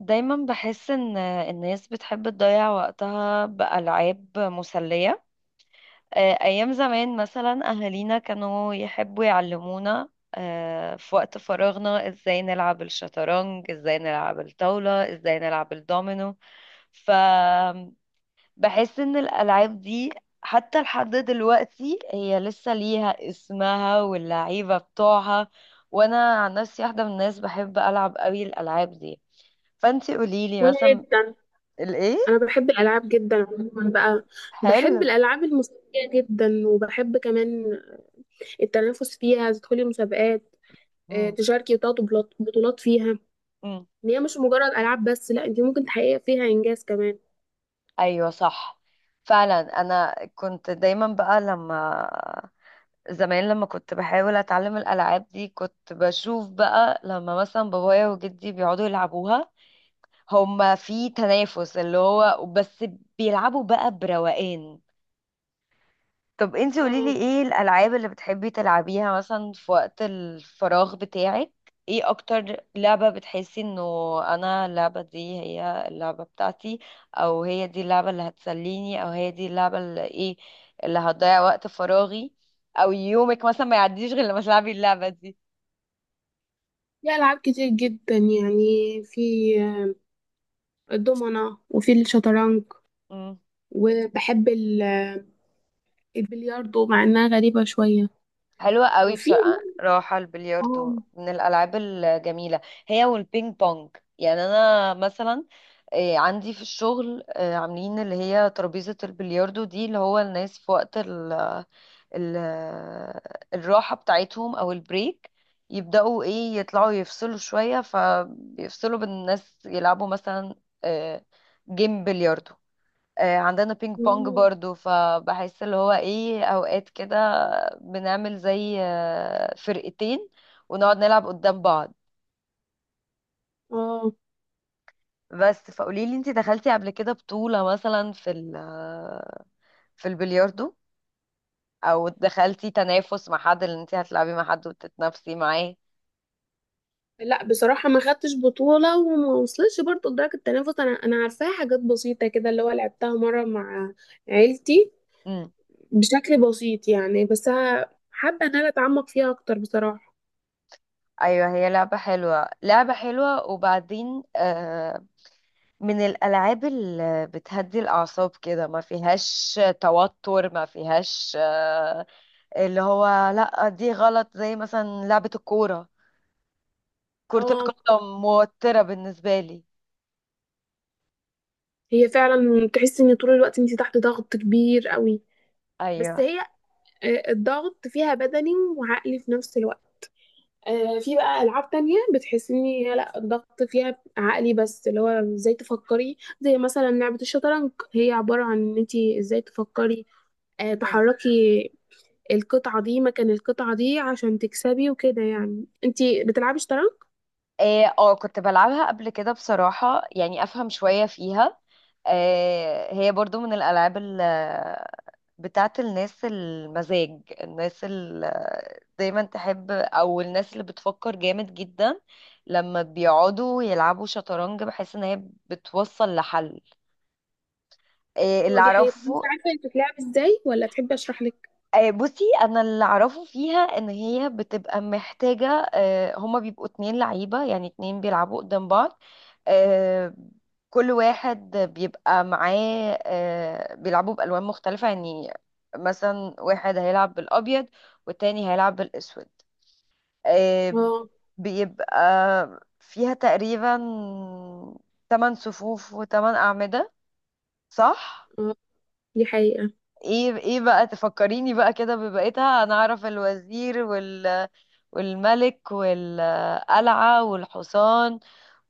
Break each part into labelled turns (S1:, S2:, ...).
S1: دايما بحس ان الناس بتحب تضيع وقتها بألعاب مسلية. ايام زمان مثلا اهالينا كانوا يحبوا يعلمونا في وقت فراغنا ازاي نلعب الشطرنج، ازاي نلعب الطاولة، ازاي نلعب الدومينو. فبحس ان الالعاب دي حتى لحد دلوقتي هي لسه ليها اسمها واللعيبة بتوعها. وانا عن نفسي واحدة من الناس بحب العب قوي الالعاب دي. فانتي قوليلي
S2: وانا
S1: مثلا
S2: جدا.
S1: الايه.
S2: انا بحب الالعاب جدا عموما بقى. بحب
S1: حلو.
S2: الالعاب الموسيقيه جدا، وبحب كمان التنافس فيها، تدخلي مسابقات،
S1: مم.
S2: تشاركي وتاخدي بطولات فيها.
S1: مم.
S2: ان هي مش مجرد العاب بس، لا انت ممكن تحققي فيها انجاز كمان.
S1: ايوه صح. فعلا انا كنت دايما بقى لما زمان لما كنت بحاول اتعلم الالعاب دي كنت بشوف بقى لما مثلا بابايا وجدي بيقعدوا يلعبوها. هما في تنافس اللي هو بس بيلعبوا بقى بروقان. طب انتي
S2: اه،
S1: قوليلي ايه الالعاب اللي بتحبي تلعبيها مثلا في وقت الفراغ بتاعك؟ ايه اكتر لعبة بتحسي انه انا اللعبة دي هي اللعبة بتاعتي؟ او هي دي اللعبة اللي هتسليني، او هي دي اللعبة اللي ايه اللي هتضيع وقت فراغي؟ او يومك مثلا ما يعديش غير لما تلعبي اللعبة دي.
S2: في العاب كتير جدا يعني. في آه، الضمنه وفي الشطرنج، وبحب البلياردو مع انها غريبه شويه.
S1: حلوة قوي
S2: وفي
S1: بصراحة، راحة
S2: اه
S1: البلياردو من الألعاب الجميلة. هي والبينج بونج. يعني أنا مثلا إيه، عندي في الشغل عاملين اللي هي ترابيزة البلياردو دي، اللي هو الناس في وقت ال ال الراحة بتاعتهم أو البريك يبدأوا إيه يطلعوا يفصلوا شوية، فبيفصلوا بالناس يلعبوا مثلا آه، جيم بلياردو. عندنا بينج بونج
S2: اه
S1: برضو. فبحس اللي هو ايه اوقات كده بنعمل زي فرقتين ونقعد نلعب قدام بعض.
S2: آه.
S1: بس فقوليلي انتي دخلتي قبل كده بطولة مثلا في ال آه، في البلياردو، او دخلتي تنافس مع حد اللي انتي هتلعبي مع حد وتتنافسي معاه؟
S2: لا بصراحة ما خدتش بطولة، وما وصلتش برضه لدرجة التنافس. أنا عارفاها حاجات بسيطة كده، اللي هو لعبتها مرة مع عيلتي
S1: امم.
S2: بشكل بسيط يعني. بس حابة إن أنا أتعمق فيها أكتر بصراحة.
S1: ايوه هي لعبة حلوة لعبة حلوة، وبعدين من الالعاب اللي بتهدي الاعصاب كده، ما فيهاش توتر ما فيهاش اللي هو لا، دي غلط. زي مثلا لعبة الكورة، كرة
S2: اه،
S1: القدم موترة بالنسبة لي.
S2: هي فعلا تحس إن طول الوقت أنت تحت ضغط كبير قوي. بس
S1: ايوه.
S2: هي الضغط فيها بدني وعقلي في نفس الوقت. في بقى ألعاب تانية بتحس إن هي لا، الضغط فيها عقلي بس، اللي هو إزاي تفكري. زي مثلا لعبة الشطرنج، هي عبارة عن إن أنت إزاي تفكري،
S1: مم.
S2: تحركي القطعة دي مكان القطعة دي عشان تكسبي وكده يعني. انتي بتلعبي شطرنج؟
S1: إيه، اه كنت بلعبها قبل كده بصراحة، يعني افهم شوية فيها. إيه، هي برضو من بتاعة الناس المزاج، الناس اللي دايما تحب، او الناس اللي بتفكر جامد جدا لما بيقعدوا يلعبوا شطرنج بحس ان هي بتوصل لحل. إيه، اللي
S2: هو دي حقيقة. طب انتي
S1: اعرفه
S2: عارفة هي بتتلعب ازاي، ولا تحبي اشرح لك؟
S1: بصي انا اللي اعرفه فيها ان هي بتبقى محتاجه هما بيبقوا اتنين لعيبه، يعني اتنين بيلعبوا قدام بعض. آه، كل واحد بيبقى معاه بيلعبوا بالوان مختلفه يعني، مثلا واحد هيلعب بالابيض والتاني هيلعب بالاسود. آه،
S2: اه.
S1: بيبقى فيها تقريبا 8 صفوف و8 اعمده، صح؟
S2: اه دي حقيقة.
S1: ايه ايه بقى تفكريني بقى كده ببقيتها. انا اعرف الوزير والملك والقلعة والحصان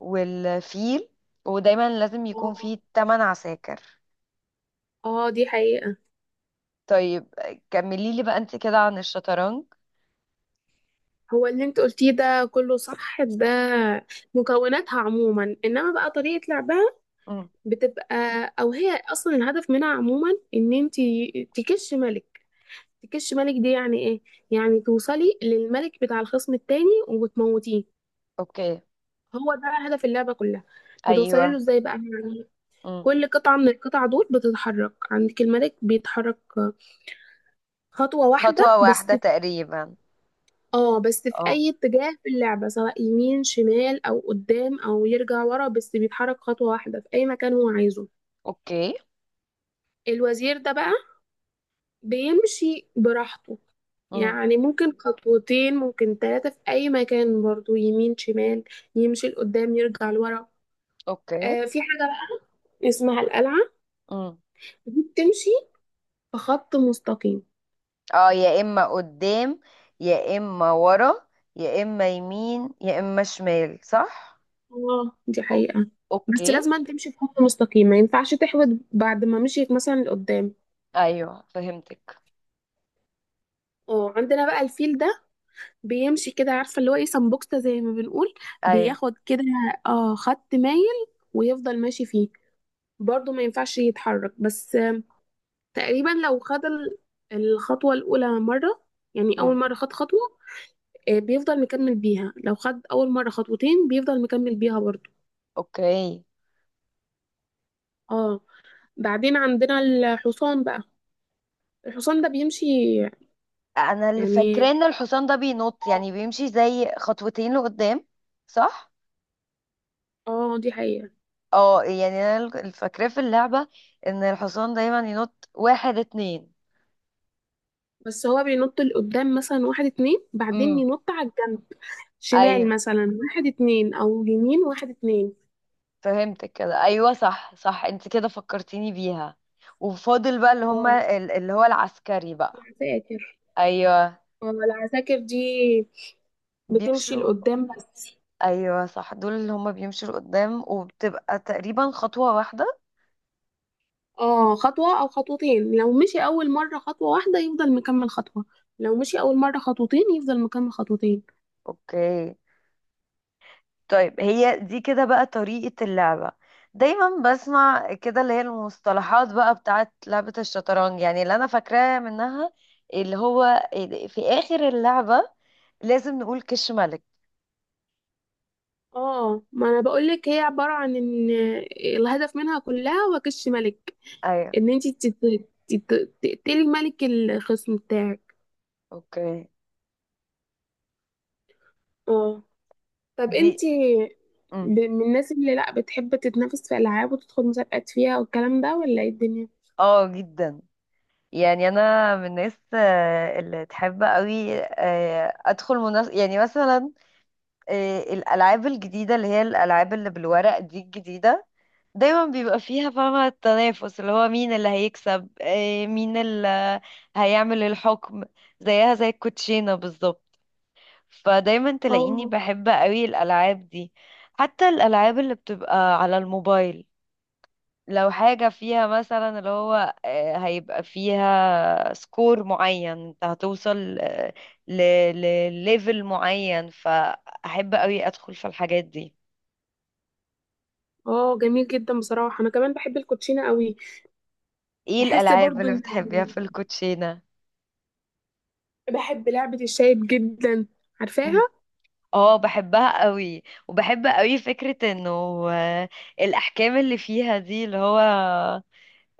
S1: والفيل. ودايما لازم يكون
S2: اه،
S1: فيه تمن عساكر.
S2: دي حقيقة.
S1: طيب كملي لي بقى انت كده عن الشطرنج.
S2: هو اللي انت قلتيه ده كله صح. ده مكوناتها عموما، انما بقى طريقة لعبها
S1: امم.
S2: بتبقى، او هي اصلا الهدف منها عموما، ان انت تكش ملك. تكش ملك دي يعني ايه؟ يعني توصلي للملك بتاع الخصم التاني وتموتيه.
S1: اوكي.
S2: هو ده هدف اللعبة كلها. بتوصلي له
S1: ايوه.
S2: ازاي بقى يعني؟
S1: امم.
S2: كل قطعة من القطع دول بتتحرك. عندك الملك بيتحرك خطوة واحدة
S1: خطوة
S2: بس
S1: واحدة
S2: في،
S1: تقريبا.
S2: اه، بس في
S1: اه.
S2: اي اتجاه في اللعبة، سواء يمين شمال او قدام او يرجع ورا، بس بيتحرك خطوة واحدة في اي مكان هو عايزه.
S1: اوكي.
S2: الوزير ده بقى بيمشي براحته،
S1: امم.
S2: يعني ممكن خطوتين ممكن ثلاثة في اي مكان، برضو يمين شمال، يمشي لقدام يرجع لورا.
S1: اوكي.
S2: آه، في حاجة بقى اسمها القلعة.
S1: امم.
S2: دي بتمشي في خط مستقيم.
S1: اه يا اما قدام يا اما ورا يا اما يمين يا اما شمال، صح.
S2: اه دي
S1: أو-
S2: حقيقة. بس
S1: اوكي.
S2: لازم أن تمشي في خط مستقيم، ما ينفعش تحود بعد ما مشيت مثلا لقدام.
S1: ايوه فهمتك.
S2: اه، عندنا بقى الفيل ده بيمشي كده، عارفة اللي هو ايه، سمبوكسة زي ما بنقول.
S1: ايوه.
S2: بياخد كده، اه، خط مايل ويفضل ماشي فيه. برضه ما ينفعش يتحرك، بس تقريبا لو خد الخطوة الأولى مرة، يعني أول
S1: امم.
S2: مرة خد خطوة، بيفضل مكمل بيها. لو خد أول مرة خطوتين بيفضل مكمل بيها برضه.
S1: اوكي.
S2: اه، بعدين عندنا الحصان بقى. الحصان ده بيمشي
S1: انا اللي فاكراه
S2: يعني،
S1: ان الحصان ده بينط، يعني بيمشي زي خطوتين لقدام، صح؟
S2: اه دي حقيقة.
S1: اه يعني انا اللي فاكراه في اللعبة ان الحصان دايما ينط واحد اتنين.
S2: بس هو بينط لقدام مثلا واحد اتنين، بعدين
S1: امم.
S2: ينط على الجنب، شمال
S1: ايوه
S2: مثلا واحد اتنين، او يمين واحد اتنين.
S1: فهمتك كده، ايوه صح صح انت كده فكرتيني بيها. وفاضل بقى اللي
S2: اه،
S1: هما اللي هو العسكري بقى.
S2: العساكر.
S1: ايوه
S2: اه، العساكر دي بتمشي
S1: بيمشوا.
S2: لقدام بس.
S1: ايوه صح، دول اللي هما بيمشوا لقدام وبتبقى تقريبا خطوة واحدة.
S2: اه، خطوة او خطوتين. لو مشي اول مرة خطوة واحدة يفضل مكمل خطوة، لو مشي اول مرة خطوتين يفضل مكمل خطوتين.
S1: اوكي. طيب هي دي كده بقى طريقة اللعبة. دايما بسمع كده اللي هي المصطلحات بقى بتاعت لعبة الشطرنج، يعني اللي انا فاكراه منها اللي هو في اخر اللعبة لازم نقول كش ملك.
S2: اه، ما انا بقولك هي عبارة عن ان الهدف منها كلها هو كش ملك.
S1: ايوه.
S2: ان انت تقتلي ملك الخصم بتاعك.
S1: اوكي.
S2: اه. طب
S1: دي.
S2: انت
S1: مم.
S2: من الناس اللي لا بتحب تتنافس في العاب وتدخل مسابقات فيها والكلام ده، ولا ايه الدنيا؟
S1: اه جدا. يعني انا من الناس اللي تحب قوي ادخل منافس، يعني مثلا الالعاب الجديده اللي هي الالعاب اللي بالورق دي، الجديده دايما بيبقى فيها فاهمة التنافس، اللي هو مين اللي هيكسب مين اللي هيعمل الحكم. زيها زي الكوتشينة بالظبط. فدايما تلاقيني
S2: اه.
S1: بحب قوي الألعاب دي. حتى الألعاب اللي بتبقى على الموبايل، لو حاجة فيها مثلا اللي هو هيبقى فيها سكور معين، انت هتوصل ل... لليفل معين، فأحب قوي أدخل في الحاجات دي.
S2: اه جميل جدا بصراحة، انا كمان بحب الكوتشينة قوي.
S1: ايه
S2: بحس
S1: الألعاب
S2: برضو
S1: اللي
S2: ان،
S1: بتحبيها في الكوتشينة؟
S2: بحب لعبة الشايب جدا. عارفاها؟
S1: اه بحبها قوي. وبحب قوي فكرة انه آه، الاحكام اللي فيها دي اللي هو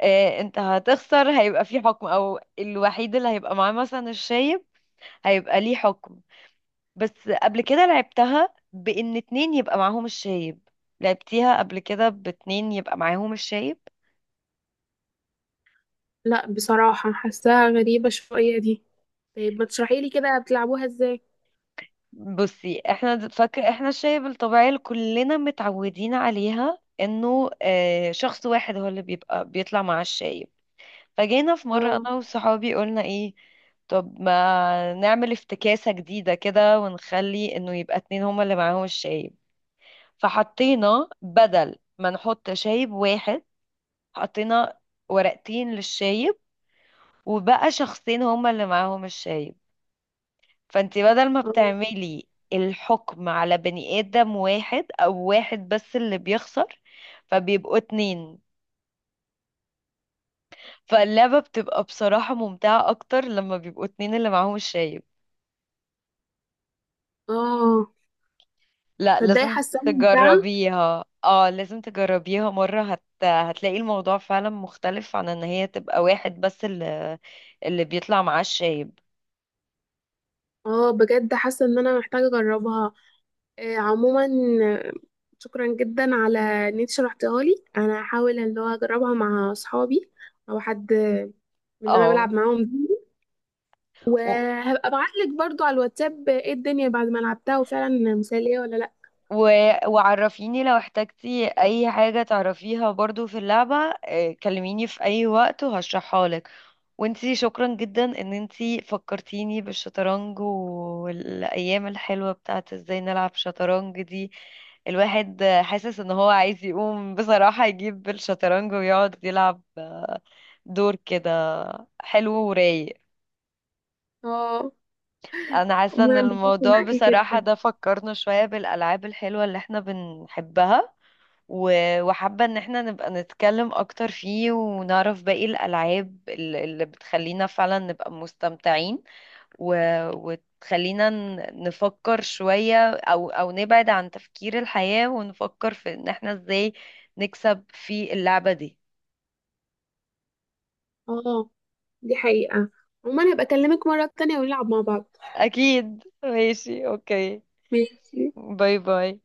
S1: انت هتخسر هيبقى في حكم، او الوحيد اللي هيبقى معاه مثلا الشايب هيبقى ليه حكم. بس قبل كده لعبتها بان اتنين يبقى معاهم الشايب. لعبتيها قبل كده باتنين يبقى معاهم الشايب؟
S2: لا بصراحة حاساها غريبة شوية دي. طيب ما تشرحي لي كده بتلعبوها ازاي.
S1: بصي احنا فاكر احنا الشايب الطبيعية اللي كلنا متعودين عليها انه شخص واحد هو اللي بيبقى بيطلع مع الشايب. فجينا في مرة
S2: اه.
S1: أنا وصحابي قلنا إيه، طب ما نعمل افتكاسة جديدة كده ونخلي إنه يبقى اتنين هما اللي معاهم الشايب. فحطينا بدل ما نحط شايب واحد، حطينا ورقتين للشايب، وبقى شخصين هما اللي معاهم الشايب. فأنتي بدل ما
S2: اه.
S1: بتعملي الحكم على بني آدم واحد أو واحد بس اللي بيخسر، فبيبقوا اتنين. فاللعبة بتبقى بصراحة ممتعة أكتر لما بيبقوا اتنين اللي معاهم الشايب.
S2: اه
S1: لا
S2: تصدقي
S1: لازم
S2: حاساها ممتعة.
S1: تجربيها، اه لازم تجربيها مرة هتلاقي الموضوع فعلا مختلف عن ان هي تبقى واحد بس اللي بيطلع معاه الشايب.
S2: اه بجد حاسه ان انا محتاجه اجربها. عموما، آه، شكرا جدا على ان انت شرحتها لي. انا هحاول اللي هو اجربها مع اصحابي او حد من اللي انا
S1: اه
S2: بلعب معاهم دي. وهبقى ابعت لك برضو على الواتساب ايه الدنيا بعد ما لعبتها، وفعلا مثاليه ولا لا.
S1: و... وعرفيني لو احتجتي اي حاجة تعرفيها برضو في اللعبة. كلميني في اي وقت وهشرحها لك. وانتي شكرا جدا ان انتي فكرتيني بالشطرنج والايام الحلوة بتاعت ازاي نلعب شطرنج دي. الواحد حاسس ان هو عايز يقوم بصراحة يجيب الشطرنج ويقعد يلعب دور كده حلو ورايق.
S2: اه.
S1: انا حاسة ان
S2: عموما انبسطت
S1: الموضوع
S2: معاكي
S1: بصراحة
S2: جدا.
S1: ده فكرنا شوية بالالعاب الحلوة اللي احنا بنحبها. وحابة ان احنا نبقى نتكلم اكتر فيه ونعرف باقي اللي بتخلينا فعلا نبقى مستمتعين. وتخلينا نفكر شوية، او نبعد عن تفكير الحياة ونفكر في ان احنا ازاي نكسب في اللعبة دي.
S2: اه دي حقيقه. عموما هبقى اكلمك مره تانية ونلعب مع بعض.
S1: اكيد ماشي اوكي.
S2: ماشي.
S1: باي باي.